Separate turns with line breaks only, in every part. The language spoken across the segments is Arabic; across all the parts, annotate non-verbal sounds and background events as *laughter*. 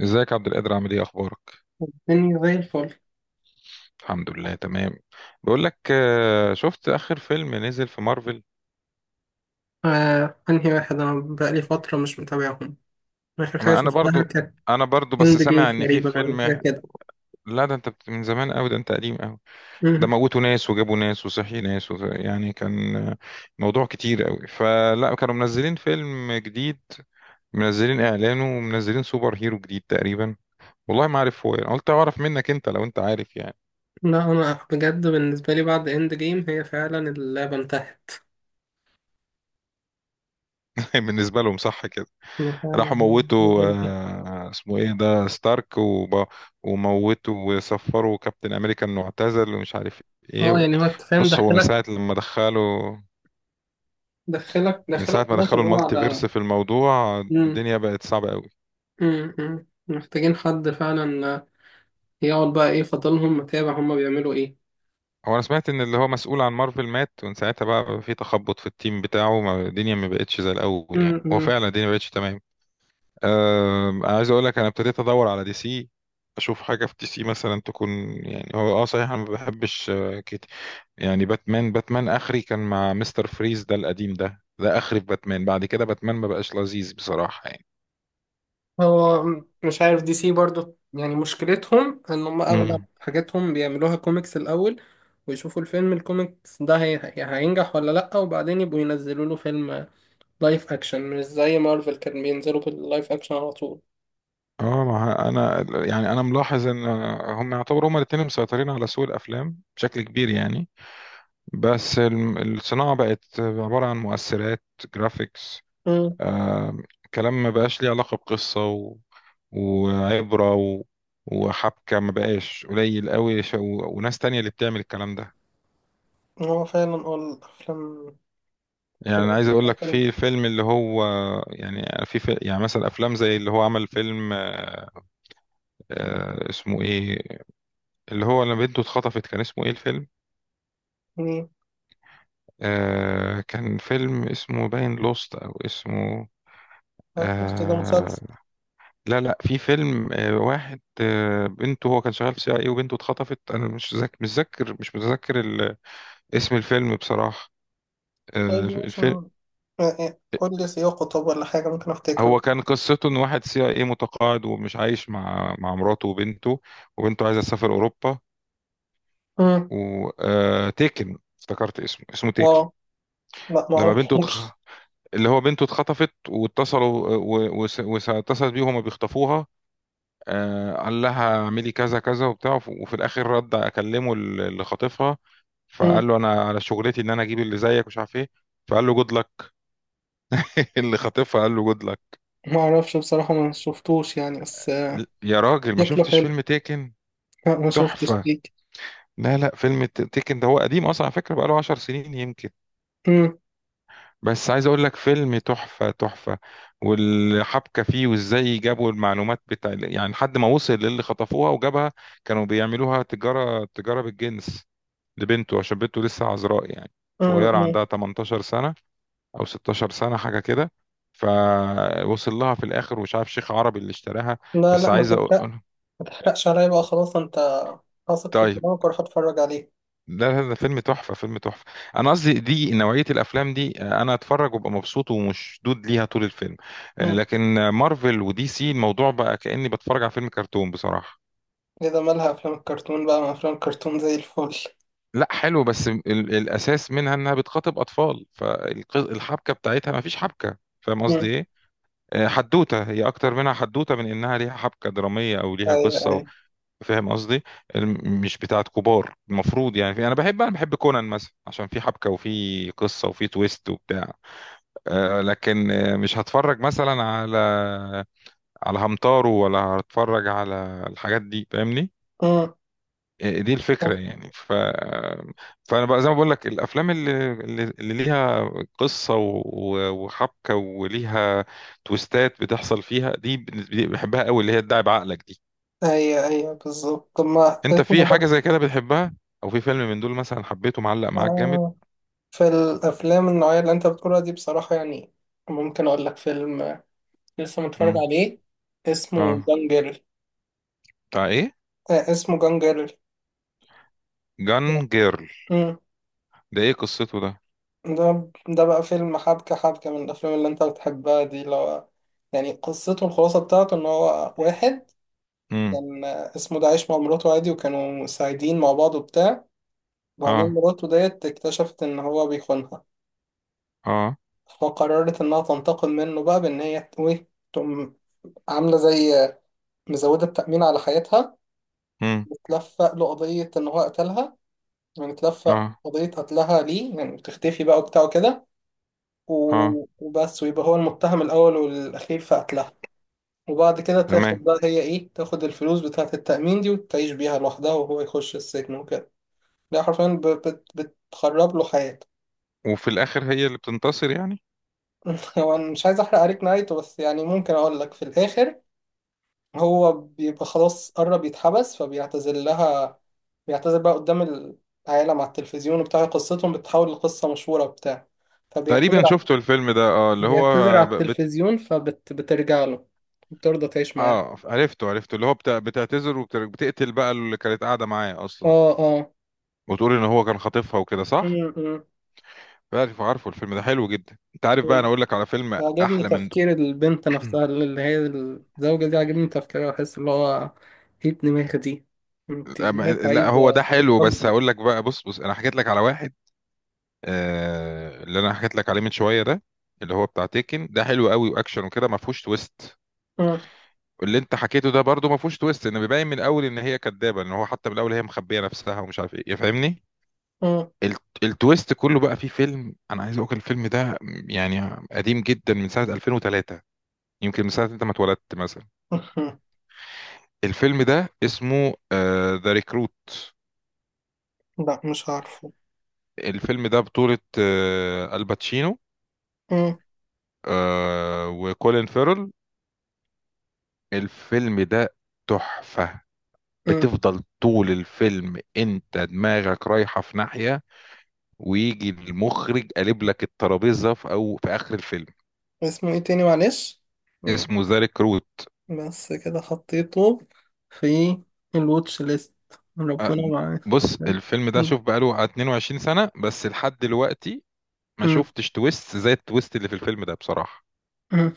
ازيك يا عبد القادر، عامل ايه، اخبارك؟
مني زي الفل.
الحمد لله تمام. بقول لك، شفت اخر فيلم نزل في مارفل؟
آه، أنهي واحد؟ أنا بقالي فترة مش متابعهم. آخر حاجة
ما انا
شفتها
برضو
كانت
انا برضو بس
إند جيم
سامع ان في
تقريبا ولا
فيلم.
حاجة كده.
لا، ده انت من زمان قوي، ده انت قديم قوي. ده
مم.
موتوا ناس، وجابوا ناس، وصحي ناس، يعني كان، موضوع كتير قوي، فلا كانوا منزلين فيلم جديد، منزلين اعلانه، ومنزلين سوبر هيرو جديد تقريبا، والله ما عارف هو إيه. قلت اعرف منك، انت لو انت عارف يعني.
لا، أنا بجد بالنسبة لي بعد إند جيم هي فعلا اللعبة انتهت.
*laughs* بالنسبة لهم صح.
أنا فعلا
راحوا
اللعبة
موتوا،
انتهت.
اسمه ايه ده، ستارك وموتوا، وسفروا كابتن امريكا انه اعتزل، ومش عارف ايه و...
يعني هو أنت فاهم
بص، هو
دخلك، دخلك
من
دخلك
ساعة ما
خلاص
دخلوا
اللي هو
المالتي
على.
فيرس في الموضوع،
مم.
الدنيا بقت صعبة قوي.
محتاجين حد فعلا يقعد بقى. إيه فضلهم متابع؟ هما بيعملوا إيه؟
هو انا سمعت ان اللي هو مسؤول عن مارفل مات، ومن ساعتها بقى في تخبط في التيم بتاعه، الدنيا ما بقتش زي الاول، يعني هو
مم.
فعلا الدنيا ما بقتش تمام. انا عايز اقول لك، انا ابتديت ادور على دي سي، اشوف حاجه في دي سي مثلا تكون. يعني هو، صحيح انا ما بحبش يعني باتمان اخري كان مع مستر فريز ده القديم، ده اخري في باتمان، بعد كده باتمان ما بقاش لذيذ بصراحة يعني.
مش عارف، دي سي برضو يعني مشكلتهم ان هم اغلب
امم.
حاجاتهم بيعملوها كوميكس الاول، ويشوفوا الفيلم الكوميكس ده هينجح ولا لا، وبعدين يبقوا ينزلوا له فيلم لايف اكشن، مش زي مارفل كان بينزلوا باللايف اكشن على طول.
اه ما انا يعني، انا ملاحظ ان هم يعتبروا، هم الاثنين مسيطرين على سوق الافلام بشكل كبير يعني. بس الصناعة بقت عبارة عن مؤثرات، جرافيكس.
امم،
آه كلام ما بقاش ليه علاقة بقصة وعبرة وحبكة، ما بقاش، قليل قوي وناس تانية اللي بتعمل الكلام ده.
هو فعلا الافلام،
يعني انا عايز
الأفلام
اقول
بتاع
لك،
فيلم.
في فيلم اللي هو، يعني في يعني مثلا افلام زي اللي هو، عمل فيلم، اسمه ايه، اللي هو لما بنته اتخطفت، كان اسمه ايه الفيلم؟
امم.
كان فيلم اسمه باين لوست، او اسمه،
آه، قلت ده
آه
مسلسل.
لا، لا، في فيلم، واحد، بنته، هو كان شغال في سي اي، وبنته اتخطفت، انا مش ذاك مش ذاكر مش متذكر اسم الفيلم بصراحة.
طيب
آه
ماشي. آه، آه، قول لي سياقه طب ولا حاجة ممكن افتكره.
هو كان قصته ان واحد سي اي إيه متقاعد، ومش عايش مع مراته وبنته، وبنته عايزه تسافر اوروبا،
امم.
وتيكن، افتكرت اسمه تيكن.
اه، لا
لما بنته تخ...
معرفوش.
اللي هو بنته اتخطفت، واتصلوا اتصلت بيه وهما بيخطفوها. قال لها اعملي كذا كذا وبتاع، وفي الاخر، رد اكلمه اللي خاطفها، فقال له انا على شغلتي ان انا اجيب اللي زيك، مش عارف ايه، فقال له جود لك. *laughs* اللي خاطفها قال له جود لك.
ما اعرفش بصراحة، ما شفتوش يعني، بس آه،
يا راجل، ما
شكله
شفتش
حلو.
فيلم تيكن؟
لا ما شفتش
تحفة.
ليك.
لا، لا، فيلم تيكن ده هو قديم اصلا، على فكره بقاله 10 سنين يمكن،
امم.
بس عايز اقول لك، فيلم تحفه تحفه، والحبكه فيه، وازاي جابوا المعلومات بتاع، يعني لحد ما وصل للي خطفوها وجابها. كانوا بيعملوها تجاره، تجاره بالجنس، لبنته، عشان بنته لسه عذراء يعني،
امم.
صغيره،
أمم.
عندها 18 سنه او 16 سنه حاجه كده، فوصل لها في الاخر، ومش عارف شيخ عربي اللي اشتراها.
لا
بس
لا، ما
عايز
تحرق،
اقول،
ما تحرقش عليا بقى. خلاص انت واثق في
طيب،
كلامك وراح اتفرج عليه.
لا، لا، ده فيلم تحفة، فيلم تحفة. أنا قصدي دي نوعية الأفلام دي، أنا أتفرج وأبقى مبسوط ومشدود ليها طول الفيلم.
امم.
لكن مارفل ودي سي، الموضوع بقى كأني بتفرج على فيلم كرتون بصراحة.
اذا مالها افلام الكرتون بقى؟ ما افلام الكرتون زي الفل.
لا، حلو، بس الأساس منها إنها بتخاطب أطفال، فالحبكة بتاعتها مفيش حبكة، فاهم قصدي
امم.
إيه؟ حدوتة هي أكتر منها، حدوتة من إنها ليها حبكة درامية أو ليها
ايوه،
قصة
ايوه.
فاهم قصدي. مش بتاعت كبار، المفروض يعني، أنا بحب كونان مثلا، عشان في حبكة وفي قصة وفي تويست وبتاع. لكن مش هتفرج مثلا على همتارو، ولا هتفرج على الحاجات دي، فاهمني؟
امم.
دي الفكرة يعني، فأنا بقى زي ما بقول لك، الأفلام اللي ليها قصة، وحبكة، وليها تويستات بتحصل فيها، دي بالنسبة لي بحبها قوي، اللي هي تدعي بعقلك دي.
ايوه، ايوه، بالظبط. طب ما
أنت في
اسمه
حاجة
ده؟
زي كده بتحبها، أو في فيلم من دول مثلا حبيته، معلق معاك جامد؟
آه، في الافلام النوعية اللي انت بتقولها دي بصراحة يعني، ممكن اقول لك فيلم، آه، لسه متفرج
مم.
عليه، اسمه
اه،
جانجل.
بتاع إيه؟
آه، اسمه جانجل.
جان جيرل؟
مم.
ده إيه قصته ده؟
ده ده بقى فيلم حبكة، حبكة من الأفلام اللي أنت بتحبها دي، اللي هو يعني قصته، الخلاصة بتاعته إن هو واحد
مم.
كان اسمه ده، عايش مع مراته عادي وكانوا سعيدين مع بعض وبتاع. وبعدين
اه،
مراته ديت اكتشفت إن هو بيخونها،
اه.
فقررت إنها تنتقم منه بقى بإن هي ت- إيه تقوم عاملة زي مزودة التأمين على حياتها،
مم.
وتلفق له قضية إن هو قتلها. يعني تلفق
اه،
قضية قتلها ليه، يعني بتختفي بقى وبتاع وكده،
اه.
وبس، ويبقى هو المتهم الأول والأخير في قتلها. وبعد كده تاخد
تمام.
بقى هي إيه، تاخد الفلوس بتاعة التأمين دي وتعيش بيها لوحدها، وهو يخش السجن وكده. ده حرفيا بتخرب له حياته.
وفي الاخر هي اللي بتنتصر يعني؟
*laughs* هو أنا مش عايز أحرق عليك نهايته، بس يعني ممكن أقول لك في الآخر هو بيبقى خلاص قرب يتحبس فبيعتذر لها. بيعتذر بقى قدام العالم على التلفزيون وبتاع، قصتهم بتتحول لقصة مشهورة وبتاع. فبيعتذر
تقريبا
ع-
شفته الفيلم ده، اللي هو
بيعتذر على
ب- بت...
التلفزيون فبترجع له، بترضى تعيش معاه.
اه، عرفته، عرفته، اللي هو بتعتذر، وبتقتل بقى اللي كانت قاعده معاه اصلا،
اه، اه.
وتقول ان هو كان خاطفها وكده، صح.
امم.
عارفه الفيلم ده حلو جدا، انت عارف بقى، انا اقول لك على فيلم
عاجبني
احلى من ده.
تفكير البنت
*clears throat*
نفسها، اللي هي الزوجة دي، عاجبني تفكيرها. بحس اللي هو ايه الدماغ دي! انت دماغك
لا،
عايزة
هو ده حلو، بس
تتقدر.
هقول لك بقى، بص، بص، انا حكيت لك على واحد، اللي انا حكيت لك عليه من شويه ده، اللي هو بتاع تيكن ده، حلو قوي واكشن وكده، ما فيهوش تويست.
مم.
اللي انت حكيته ده برضو ما فيهوش تويست، ان بيبين من الاول ان هي كدابه، ان هو حتى من الاول هي مخبيه نفسها، ومش عارف ايه، يا فاهمني.
مم.
التويست كله بقى فيه، فيلم انا عايز اقول، الفيلم ده يعني قديم جدا، من سنه 2003، يمكن من سنه انت ما اتولدت مثلا.
*laughs* مم.
الفيلم ده اسمه ذا ريكروت.
لا، مش عارفه.
الفيلم ده بطوله، الباتشينو،
مم.
وكولين فيرل. الفيلم ده تحفه،
مم.
بتفضل طول الفيلم انت دماغك رايحه في ناحيه، ويجي المخرج قالب لك الترابيزه، في، او في اخر الفيلم.
اسمه ايه تاني معلش؟ مم.
اسمه ذا ريكروت.
بس كده حطيته في الواتش ليست.
أه،
ربنا معاك.
بص،
مم.
الفيلم ده
مم.
شوف بقاله على 22 سنه، بس لحد دلوقتي ما شفتش تويست زي التويست اللي في الفيلم ده بصراحه.
مم.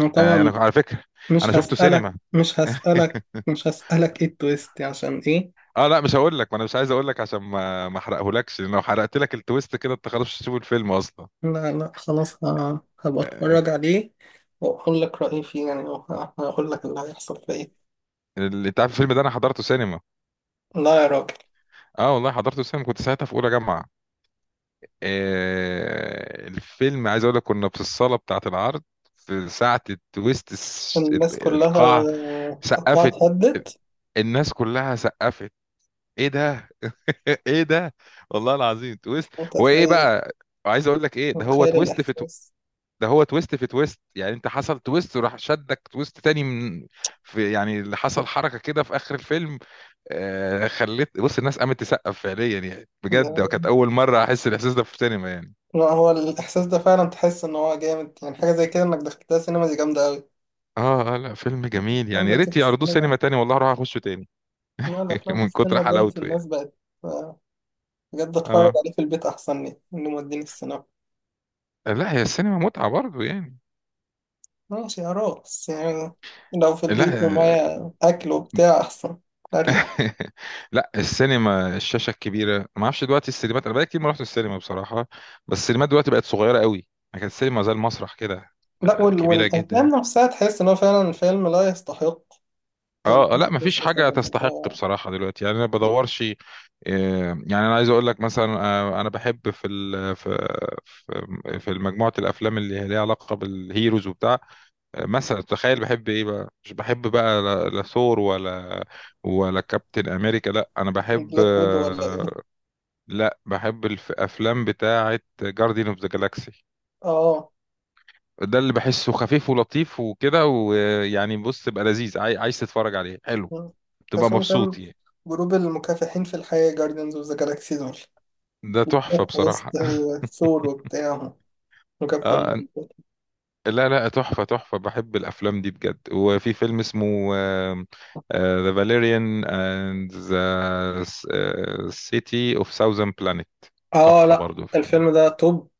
أنا
انا
طبعا
على فكره، انا
مش
شفته
هسألك،
سينما.
مش هسألك،
*laughs*
مش هسألك ايه التويست عشان ايه.
اه، لا، مش هقول لك، ما انا مش عايز اقول لك، عشان ما احرقهولكش، لان لو حرقت لك التويست كده، انت خلاص مش هتشوف الفيلم اصلا.
لا لا خلاص، هبقى
آه،
اتفرج عليه واقول لك رأيي فيه يعني، وه- هقول لك اللي هيحصل فيه إيه.
اللي انت عارف، الفيلم ده انا حضرته سينما،
لا يا راجل.
اه والله حضرته سينما، كنت ساعتها في اولى جامعه. الفيلم عايز اقول لك، كنا في الصاله بتاعه العرض، في ساعه التويست،
الناس كلها
القاع، سقفت،
اتهدت.
الناس كلها سقفت. ايه ده، *laughs* ايه ده، والله العظيم تويست. وايه
متخيل.
بقى، عايز اقول لك، ايه ده، هو
متخيل
تويست في
الإحساس
ده هو تويست في تويست يعني، انت حصل تويست، وراح شدك تويست تاني من، في يعني، اللي حصل حركه كده في اخر الفيلم. خليت، بص، الناس قامت تسقف فعليا يعني، بجد كانت
ده.
اول مره احس الاحساس ده في السينما يعني.
لا هو الإحساس ده فعلا تحس إن هو جامد، يعني حاجة زي كده إنك دخلتها سينما دي جامدة أوي.
اه، اه، لا فيلم جميل
أنا
يعني، يا
دلوقتي
ريت
في
يعرضوه
السينما،
سينما تاني، والله اروح اخشه تاني.
لا
*laughs*
الأفلام في
من كتر
السينما دلوقتي
حلاوته يعني.
الناس بقت، آه، بجد أتفرج
اه،
عليه في البيت أحسن لي إنه موديني السينما.
لا هي السينما متعة برضه يعني.
ماشي يا رب، بس يعني لو في
لا،
البيت
آه،
ومعايا أكل وبتاع أحسن، أريح.
*laughs* لا، السينما، الشاشة الكبيرة، ما اعرفش دلوقتي السينمات، انا بقالي كتير ما رحت السينما بصراحة، بس السينمات دلوقتي بقت صغيرة قوي يعني، كانت السينما زي المسرح كده،
لا وال...
كبيرة
والأفلام
جدا.
نفسها تحس إن هو فعلا فيلم لا يستحق إن أنا
اه، لا مفيش
أخش
حاجة
مثلا.
تستحق بصراحة دلوقتي يعني، انا بدورش، يعني انا عايز اقول لك مثلا، انا بحب في ال في في في مجموعة الافلام اللي هي ليها علاقة بالهيروز وبتاع. مثلا تخيل، بحب ايه بقى، مش بحب بقى، لا، لا ثور، ولا كابتن امريكا، لا انا بحب،
بلاك ويدو ولا إيه؟
لا بحب الافلام بتاعة جارديان اوف ذا جالاكسي.
آه،
ده اللي بحسه خفيف ولطيف وكده، ويعني بص تبقى لذيذ، عايز تتفرج عليه، حلو، تبقى
أصلا
مبسوط
فاهم،
يعني.
جروب المكافحين في الحياة جاردينز أوف ذا جالاكسي دول،
ده تحفة
وسط
بصراحة. *laughs*
ثور وبتاع وكابتن
اه،
مارفل.
لا، لا، تحفة تحفة، بحب الأفلام دي بجد، وفي فيلم اسمه، The Valerian and the City of Thousand Planet،
آه
تحفة
لا،
برضو، فاهم.
الفيلم ده توب.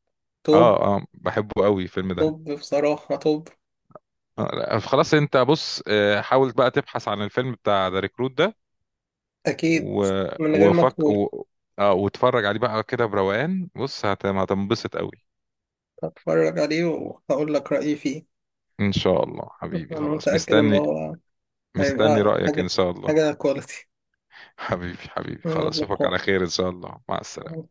توب.
اه، اه، بحبه قوي الفيلم ده.
توب بصراحة، توب.
لا، خلاص، انت بص، حاول بقى تبحث عن الفيلم بتاع ذا ريكروت ده
أكيد،
و...
من غير ما
وفك
تقول.
اه، واتفرج عليه بقى كده بروقان، بص هتنبسط قوي.
هتفرج عليه وهقول لك رأيي فيه.
ان شاء الله حبيبي،
أنا
خلاص
متأكد إن
مستني
هو
مستني
هيبقى
رأيك ان
حاجة،
شاء الله.
حاجة كواليتي.
حبيبي، حبيبي،
من
خلاص، اشوفك
القاء.
على خير ان شاء الله، مع السلامة.